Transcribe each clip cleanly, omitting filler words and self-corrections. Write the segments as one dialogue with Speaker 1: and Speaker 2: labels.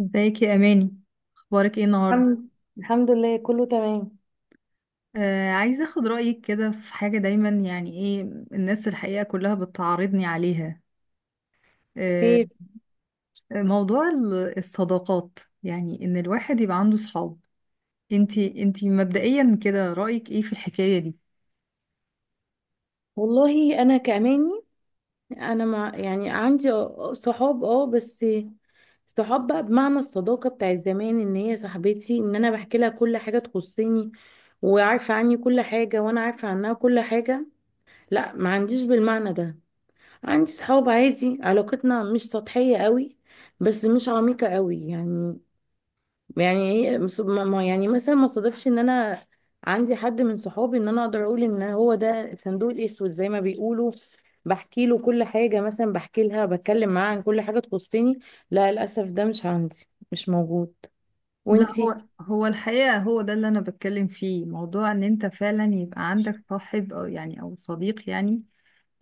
Speaker 1: ازيك يا اماني؟ اخبارك ايه النهارده؟
Speaker 2: الحمد الحمد لله كله تمام.
Speaker 1: آه، عايزه اخد رايك كده في حاجه، دايما يعني ايه الناس الحقيقه كلها بتعارضني عليها. آه،
Speaker 2: خير.
Speaker 1: موضوع الصداقات، يعني ان الواحد يبقى عنده صحاب. انتي مبدئيا كده رايك ايه في الحكايه دي؟
Speaker 2: والله انا كأماني، انا ما عندي صحاب، اه. بس صحاب بقى بمعنى الصداقة بتاعت زمان، ان هي صاحبتي، ان انا بحكي لها كل حاجة تخصني وعارفة عني كل حاجة وانا عارفة عنها كل حاجة، لا ما عنديش بالمعنى ده. عندي صحاب عادي، علاقتنا مش سطحية قوي بس مش عميقة قوي يعني. يعني ايه، يعني مثلا ما صادفش ان انا عندي حد من صحابي ان انا اقدر اقول ان هو ده الصندوق الاسود زي ما بيقولوا، بحكي له كل حاجه، مثلا بحكي لها، بتكلم معاها عن كل حاجه تخصني. لا للاسف ده مش عندي، مش موجود.
Speaker 1: لا،
Speaker 2: وانتي؟
Speaker 1: هو الحقيقه هو ده اللي انا بتكلم فيه، موضوع ان انت فعلا يبقى عندك صاحب او يعني او صديق. يعني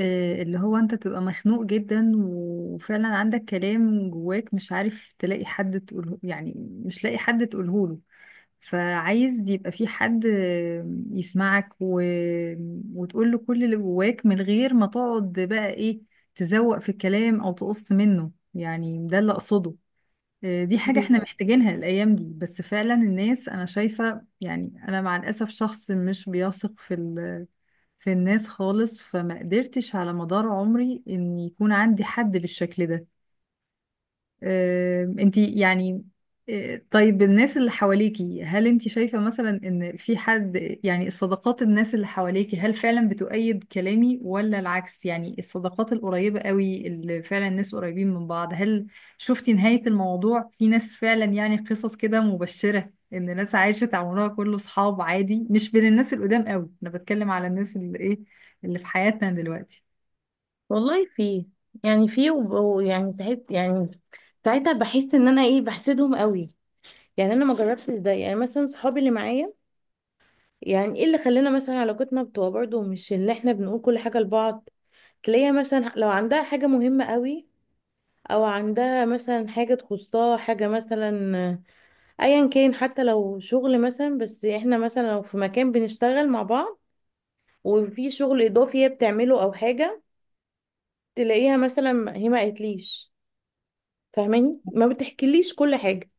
Speaker 1: آه، اللي هو انت تبقى مخنوق جدا وفعلا عندك كلام جواك مش عارف تلاقي حد تقوله، يعني مش لاقي حد تقوله له. فعايز يبقى في حد آه، يسمعك وتقول له كل اللي جواك من غير ما تقعد بقى ايه، تزوق في الكلام او تقص منه. يعني ده اللي اقصده. آه، دي حاجة احنا محتاجينها الأيام دي، بس فعلا الناس أنا شايفة، يعني أنا مع الأسف شخص مش بيثق في في الناس خالص، فما قدرتش على مدار عمري إن يكون عندي حد بالشكل ده. آه، انتي يعني؟ آه، طيب الناس اللي حواليكي هل انتي شايفة مثلا ان في حد، يعني الصداقات، الناس اللي حواليكي هل فعلا بتؤيد كلامي ولا العكس؟ يعني الصداقات القريبة قوي اللي فعلا الناس قريبين من بعض، هل شفتي نهاية الموضوع؟ في ناس فعلا يعني قصص كده مبشرة ان ناس عاشت عمرها كله صحاب عادي؟ مش بين الناس القدام قوي، انا بتكلم على الناس اللي ايه، اللي في حياتنا دلوقتي.
Speaker 2: والله في، يعني في ويعني ساعات، يعني ساعتها بحس ان انا ايه، بحسدهم قوي. يعني انا ما جربتش ده. يعني مثلا صحابي اللي معايا، يعني ايه اللي خلانا مثلا علاقتنا بتبقى برضه مش اللي احنا بنقول كل حاجه لبعض؟ تلاقيها مثلا لو عندها حاجة مهمة قوي، او عندها مثلا حاجة تخصها، حاجة مثلا ايا كان، حتى لو شغل مثلا، بس احنا مثلا لو في مكان بنشتغل مع بعض وفي شغل اضافي هي بتعمله او حاجة، تلاقيها مثلا هي ما قالتليش، فاهماني؟ ما بتحكيليش كل حاجة.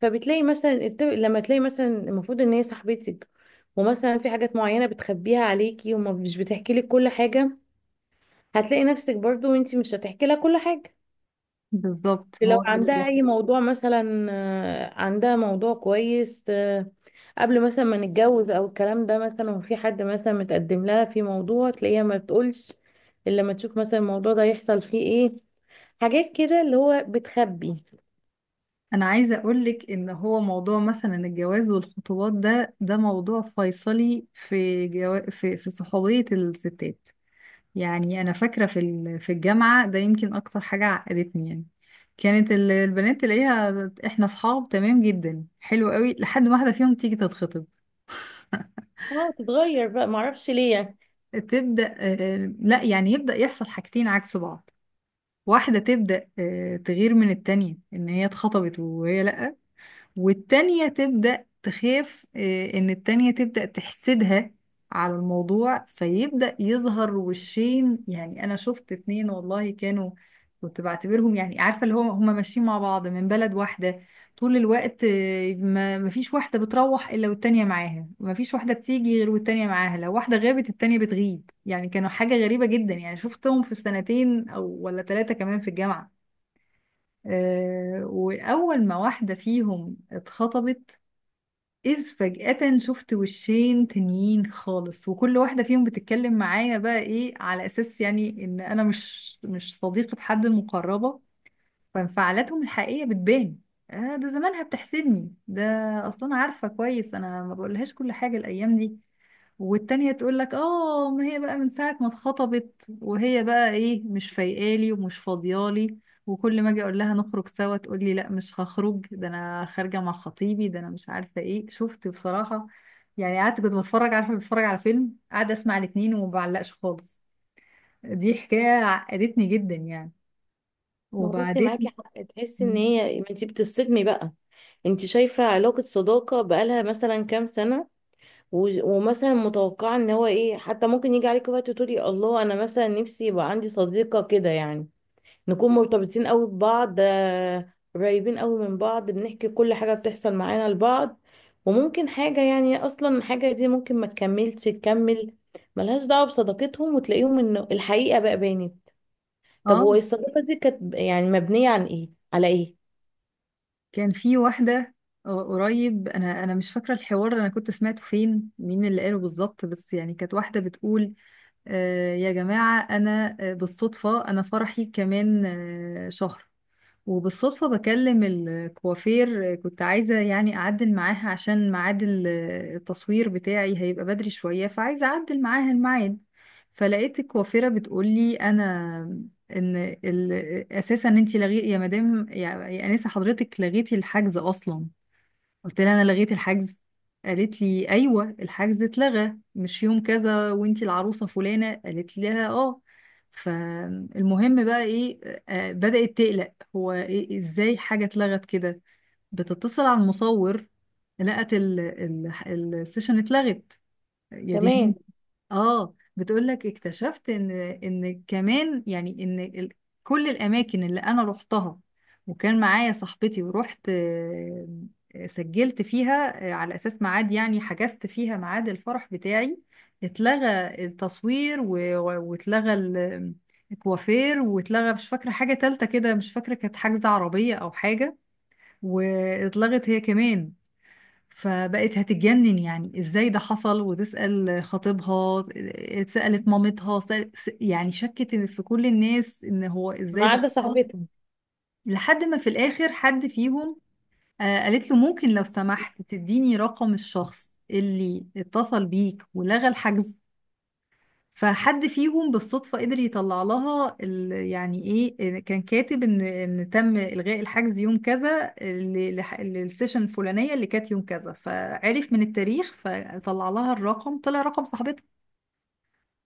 Speaker 2: فبتلاقي مثلا لما تلاقي مثلا المفروض ان هي صاحبتك ومثلا في حاجات معينة بتخبيها عليكي ومش بتحكي لك كل حاجة، هتلاقي نفسك برضو انتي مش هتحكي لها كل حاجة.
Speaker 1: بالظبط
Speaker 2: لو
Speaker 1: هو ده
Speaker 2: عندها
Speaker 1: اللي
Speaker 2: اي موضوع مثلا، آه، عندها موضوع كويس، آه، قبل مثلا ما نتجوز او الكلام ده مثلا، وفي حد مثلا متقدم لها في موضوع، تلاقيها ما بتقولش الا لما تشوف مثلا الموضوع ده يحصل فيه ايه. حاجات كده اللي هو بتخبي.
Speaker 1: انا عايزه اقولك. ان هو موضوع مثلا الجواز والخطوبات ده، ده موضوع فيصلي في في في صحوبيه الستات. يعني انا فاكره في في الجامعه ده يمكن اكتر حاجه عقدتني. يعني كانت البنات تلاقيها احنا اصحاب تمام جدا، حلو قوي، لحد ما واحده فيهم تيجي تتخطب.
Speaker 2: اه تتغير بقى، معرفش ليه يعني.
Speaker 1: تبدا آه، لا يعني يبدا يحصل حاجتين عكس بعض. واحده تبدا آه، تغير من التانية ان هي اتخطبت وهي لا، والتانية تبدأ تخاف آه، إن التانية تبدأ تحسدها على الموضوع، فيبدأ يظهر وشين. يعني أنا شفت اتنين والله كانوا، كنت بعتبرهم يعني عارفة اللي هو هما ماشيين مع بعض من بلد واحدة طول الوقت، آه، ما مفيش واحدة بتروح إلا والتانية معاها، مفيش واحدة بتيجي غير والتانية معاها، لو واحدة غابت التانية بتغيب. يعني كانوا حاجة غريبة جدا، يعني شفتهم في السنتين أو ولا ثلاثة كمان في الجامعة. آه، وأول ما واحدة فيهم اتخطبت، إذ فجأة شفت وشين تانيين خالص، وكل واحدة فيهم بتتكلم معايا بقى إيه على أساس يعني إن أنا مش صديقة حد المقربة، فانفعالاتهم الحقيقية بتبان. آه، ده زمانها بتحسدني ده، أصلا عارفة كويس أنا ما بقولهاش كل حاجة الأيام دي. والتانية تقول لك اه، ما هي بقى من ساعة ما اتخطبت وهي بقى ايه مش فايقالي ومش فاضيالي، وكل ما اجي اقول لها نخرج سوا تقول لي لا مش هخرج، ده انا خارجة مع خطيبي، ده انا مش عارفة ايه. شفت بصراحة؟ يعني قعدت كنت بتفرج، عارفة بتفرج على فيلم، قاعدة اسمع الاتنين وما بعلقش خالص. دي حكاية عقدتني جدا يعني.
Speaker 2: ما هو بصي معاكي
Speaker 1: وبعدين
Speaker 2: حق تحسي ان هي، ما انتي بتصدمي بقى. انتي شايفة علاقة صداقة بقالها مثلا كام سنة، ومثلا متوقعة ان هو ايه، حتى ممكن يجي عليك وقت تقولي الله انا مثلا نفسي يبقى عندي صديقة كده يعني، نكون مرتبطين قوي ببعض، آه، قريبين قوي من بعض، بنحكي كل حاجة بتحصل معانا لبعض. وممكن حاجة، يعني اصلا حاجة دي ممكن ما تكملش، تكمل، ملهاش دعوة بصداقتهم، وتلاقيهم ان الحقيقة بقى بانت. طب هو
Speaker 1: اه
Speaker 2: الصداقة دي كانت يعني مبنية عن ايه، على ايه؟
Speaker 1: كان في واحدة، قريب انا مش فاكرة الحوار، انا كنت سمعته فين مين اللي قاله بالظبط، بس يعني كانت واحدة بتقول آه، يا جماعة أنا آه، بالصدفة أنا فرحي كمان آه، شهر، وبالصدفة بكلم الكوافير آه، كنت عايزة يعني أعدل معاها عشان ميعاد آه، التصوير بتاعي هيبقى بدري شوية فعايزة أعدل معاها الميعاد. فلقيت الكوافيرة بتقولي أنا إن أساسا أنتي لغي يا مدام يا أنسة، حضرتك لغيتي الحجز أصلا. قلت لها انا لغيت الحجز؟ قالت لي ايوه الحجز اتلغى مش يوم كذا، وانتي العروسه فلانه. قالت لها اه. فالمهم بقى ايه، آه، بدأت تقلق هو إيه ازاي حاجه اتلغت كده؟ بتتصل على المصور، لقت السيشن اتلغت. يا ديني!
Speaker 2: تمام.
Speaker 1: اه، بتقولك اكتشفت ان، ان كمان يعني ان كل الاماكن اللي انا روحتها وكان معايا صاحبتي ورحت آه، آه، سجلت فيها آه، على اساس ميعاد، يعني حجزت فيها ميعاد الفرح بتاعي، اتلغى التصوير واتلغى الكوافير، واتلغى مش فاكرة حاجة تالتة كده، مش فاكرة كانت حجز عربية او حاجة، واتلغت هي كمان. فبقت هتتجنن يعني ازاي ده حصل، وتسأل خطيبها، سألت مامتها، يعني شكت في كل الناس ان هو ازاي
Speaker 2: ما
Speaker 1: ده
Speaker 2: عدا صادمة
Speaker 1: حصل.
Speaker 2: بجد.
Speaker 1: لحد ما في الاخر حد فيهم آه، قالت له ممكن لو سمحت تديني رقم الشخص اللي اتصل بيك ولغى الحجز. فحد فيهم بالصدفة قدر يطلع لها يعني ايه كان كاتب ان ان تم إلغاء الحجز يوم كذا للسيشن الفلانية اللي كانت يوم كذا، فعرف من التاريخ، فطلع لها الرقم، طلع رقم صاحبتها،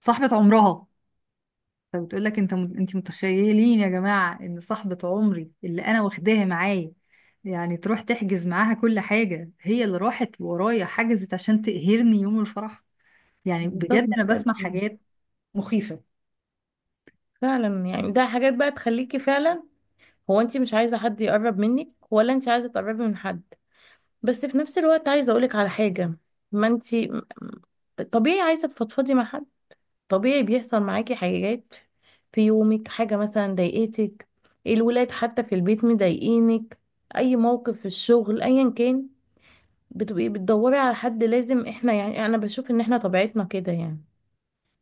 Speaker 1: صاحبة عمرها. فبتقول لك انت متخيلين يا جماعة ان صاحبة عمري اللي انا واخداها معايا، يعني تروح تحجز معاها كل حاجة، هي اللي راحت ورايا حجزت عشان تقهرني يوم الفرح. يعني
Speaker 2: دي
Speaker 1: بجد
Speaker 2: صدمة
Speaker 1: انا
Speaker 2: بجد.
Speaker 1: بسمع حاجات مخيفة.
Speaker 2: فعلا، يعني ده حاجات بقى تخليكي فعلا. هو انت مش عايزة حد يقرب منك ولا انت عايزة تقربي من حد؟ بس في نفس الوقت عايزة اقولك على حاجة، ما انت طبيعي عايزة تفضفضي مع حد، طبيعي بيحصل معاكي حاجات في يومك، حاجة مثلا ضايقتك، الولاد حتى في البيت مضايقينك، اي موقف في الشغل ايا كان، بتبقي بتدوري على حد. لازم، احنا يعني انا بشوف ان احنا طبيعتنا كده يعني،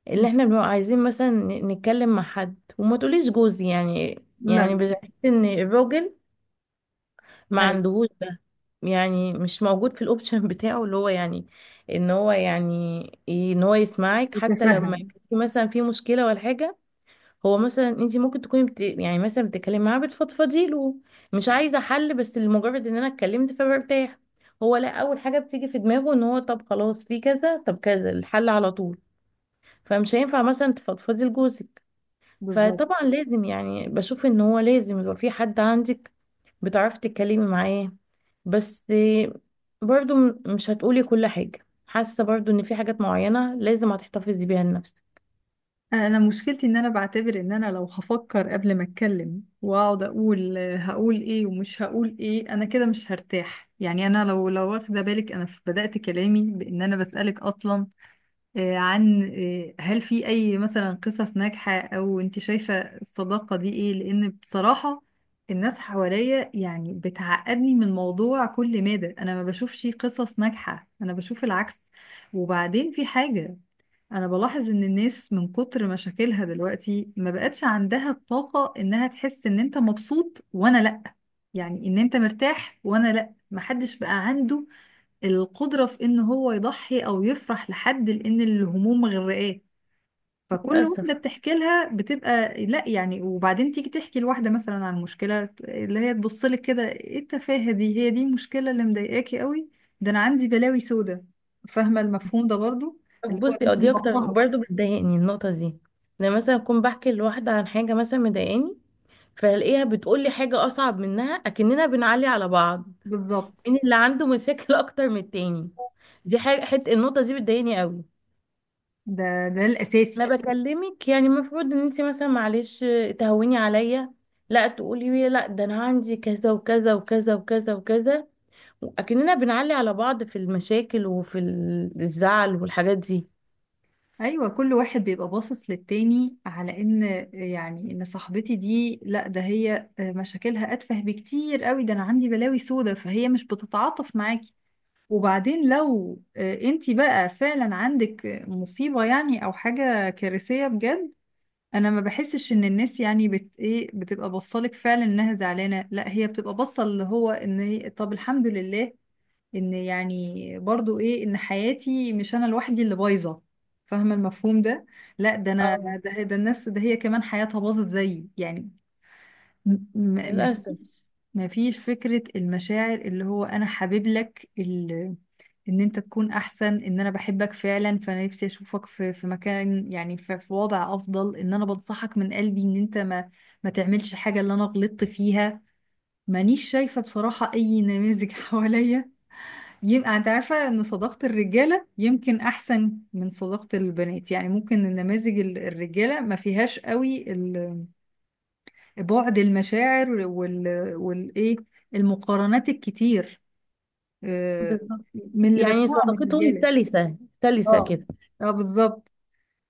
Speaker 2: اللي احنا بنبقى عايزين مثلا نتكلم مع حد. وما تقوليش جوزي يعني،
Speaker 1: لا،
Speaker 2: يعني بحس ان الراجل ما
Speaker 1: ايوه.
Speaker 2: عندهوش ده، يعني مش موجود في الاوبشن بتاعه، اللي هو يعني ان هو يعني، إيه، ان هو يسمعك حتى لما
Speaker 1: تتفهم
Speaker 2: يكون في مثلا في مشكله ولا حاجه. هو مثلا انت ممكن تكوني يعني مثلا بتتكلمي معاه، بتفضفضي له، مش عايزه حل، بس لمجرد ان انا اتكلمت فبرتاح. هو لا، اول حاجه بتيجي في دماغه ان هو طب خلاص في كذا، طب كذا، الحل على طول. فمش هينفع مثلا تفضفضي لجوزك.
Speaker 1: بالظبط.
Speaker 2: فطبعا لازم، يعني بشوف ان هو لازم يبقى في حد عندك بتعرفي تتكلمي معاه. بس برضو مش هتقولي كل حاجة، حاسة برضو ان في حاجات معينة لازم هتحتفظي بيها لنفسك.
Speaker 1: انا مشكلتي ان انا بعتبر ان انا لو هفكر قبل ما اتكلم واقعد اقول آه، هقول ايه ومش هقول ايه، انا كده مش هرتاح. يعني انا لو واخده بالك انا بدأت كلامي بان انا بسألك اصلا آه، عن آه، هل في اي مثلا قصص ناجحة، او انت شايفة الصداقة دي ايه؟ لان بصراحة الناس حواليا يعني بتعقدني من الموضوع، كل مادة انا ما بشوفش قصص ناجحة، انا بشوف العكس. وبعدين في حاجة، انا بلاحظ ان الناس من كتر مشاكلها دلوقتي ما بقتش عندها الطاقة انها تحس ان انت مبسوط وانا لا، يعني ان انت مرتاح وانا لا، محدش بقى عنده القدرة في ان هو يضحي او يفرح لحد، لان الهموم مغرقاه. فكل
Speaker 2: للأسف.
Speaker 1: واحدة بتحكي لها بتبقى لا، يعني وبعدين تيجي تحكي لواحدة مثلا عن مشكلة، اللي هي تبص لك كده ايه التفاهة دي، هي دي المشكلة اللي مضايقاكي قوي، ده انا عندي بلاوي سودة. فاهمة المفهوم ده برضو،
Speaker 2: طب
Speaker 1: اللي هو
Speaker 2: بصي، اه
Speaker 1: انت
Speaker 2: دي اكتر
Speaker 1: مضخها.
Speaker 2: برضو بتضايقني النقطة دي، لما مثلا اكون بحكي لواحدة عن حاجة مثلا مضايقاني فالاقيها بتقولي حاجة اصعب منها، اكننا بنعلي على بعض.
Speaker 1: بالظبط،
Speaker 2: مين اللي عنده مشاكل اكتر من التاني؟ دي حاجة، حت النقطة دي بتضايقني قوي.
Speaker 1: ده الأساسي.
Speaker 2: انا بكلمك، يعني المفروض ان انت مثلا معلش تهوني عليا، لا تقولي لي لا ده انا عندي كذا وكذا وكذا وكذا وكذا، اكننا بنعلي على بعض في المشاكل وفي الزعل والحاجات دي.
Speaker 1: أيوة، كل واحد بيبقى باصص للتاني على إن، يعني إن صاحبتي دي لأ، ده هي آه، مشاكلها أتفه بكتير قوي، ده أنا عندي بلاوي سودة، فهي مش بتتعاطف معاكي. وبعدين لو انتي بقى فعلا عندك مصيبة يعني أو حاجة كارثية بجد، أنا ما بحسش إن الناس يعني بت إيه بتبقى باصة لك فعلا إنها زعلانة، لأ هي بتبقى باصة اللي هو إن هي طب الحمد لله ان يعني برضو ايه ان حياتي، مش انا لوحدي اللي بايظه. فاهمه المفهوم ده؟ لا ده انا،
Speaker 2: اه،
Speaker 1: ده الناس، ده هي كمان حياتها باظت زيي يعني.
Speaker 2: للاسف.
Speaker 1: مفيش، مفيش فكره المشاعر اللي هو انا حابب لك ان انت تكون احسن، ان انا بحبك فعلا فانا نفسي اشوفك في في مكان، يعني في وضع افضل، ان انا بنصحك من قلبي ان انت ما، ما تعملش حاجه اللي انا غلطت فيها. مانيش شايفه بصراحه اي نماذج حواليا. يبقى انت عارفة ان صداقة الرجالة يمكن احسن من صداقة البنات؟ يعني ممكن النماذج الرجالة ما فيهاش قوي بعد المشاعر والايه، المقارنات الكتير. آه،
Speaker 2: بالظبط.
Speaker 1: من اللي
Speaker 2: يعني
Speaker 1: بسمعه من
Speaker 2: صداقتهم
Speaker 1: الرجالة.
Speaker 2: سلسة سلسة
Speaker 1: اه،
Speaker 2: كده.
Speaker 1: اه بالظبط.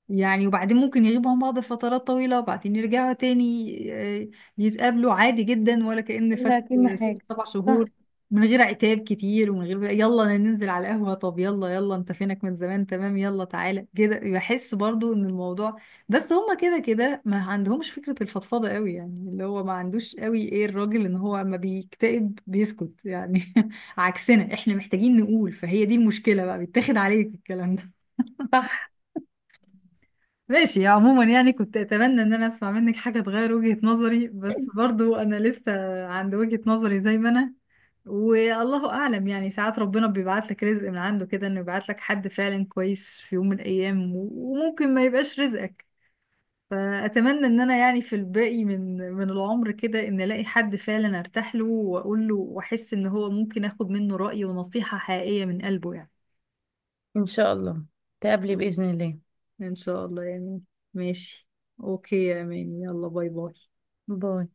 Speaker 1: يعني وبعدين ممكن يغيبوا عن بعض فترات طويلة وبعدين يرجعوا تاني، آه، يتقابلوا عادي جدا ولا كأن فات
Speaker 2: ولا كأن
Speaker 1: ست
Speaker 2: حاجة.
Speaker 1: سبع
Speaker 2: صح.
Speaker 1: شهور، من غير عتاب كتير ومن غير يلا ننزل على القهوة، طب يلا يلا انت فينك من زمان، تمام يلا تعالى كده. بحس برضو ان الموضوع، بس هما كده كده ما عندهمش فكرة الفضفضة قوي. يعني اللي هو ما عندوش قوي ايه الراجل ان هو اما بيكتئب بيسكت يعني عكسنا احنا محتاجين نقول، فهي دي المشكلة بقى، بيتاخد عليك الكلام.
Speaker 2: صح.
Speaker 1: ماشي. عموما يعني كنت اتمنى ان انا اسمع منك حاجة تغير وجهة نظري، بس برضو انا لسه عند وجهة نظري زي ما انا. والله اعلم يعني، ساعات ربنا بيبعت لك رزق من عنده كده انه يبعت لك حد فعلا كويس في يوم من الايام، وممكن ما يبقاش رزقك. فاتمنى ان انا يعني في الباقي من من العمر كده ان الاقي حد فعلا ارتاح له واقول له واحس ان هو ممكن اخد منه رأي ونصيحة حقيقية من قلبه يعني.
Speaker 2: ان شاء الله تقابلي باذن الله.
Speaker 1: ان شاء الله يعني. ماشي، اوكي يا اماني، يلا باي باي.
Speaker 2: باي.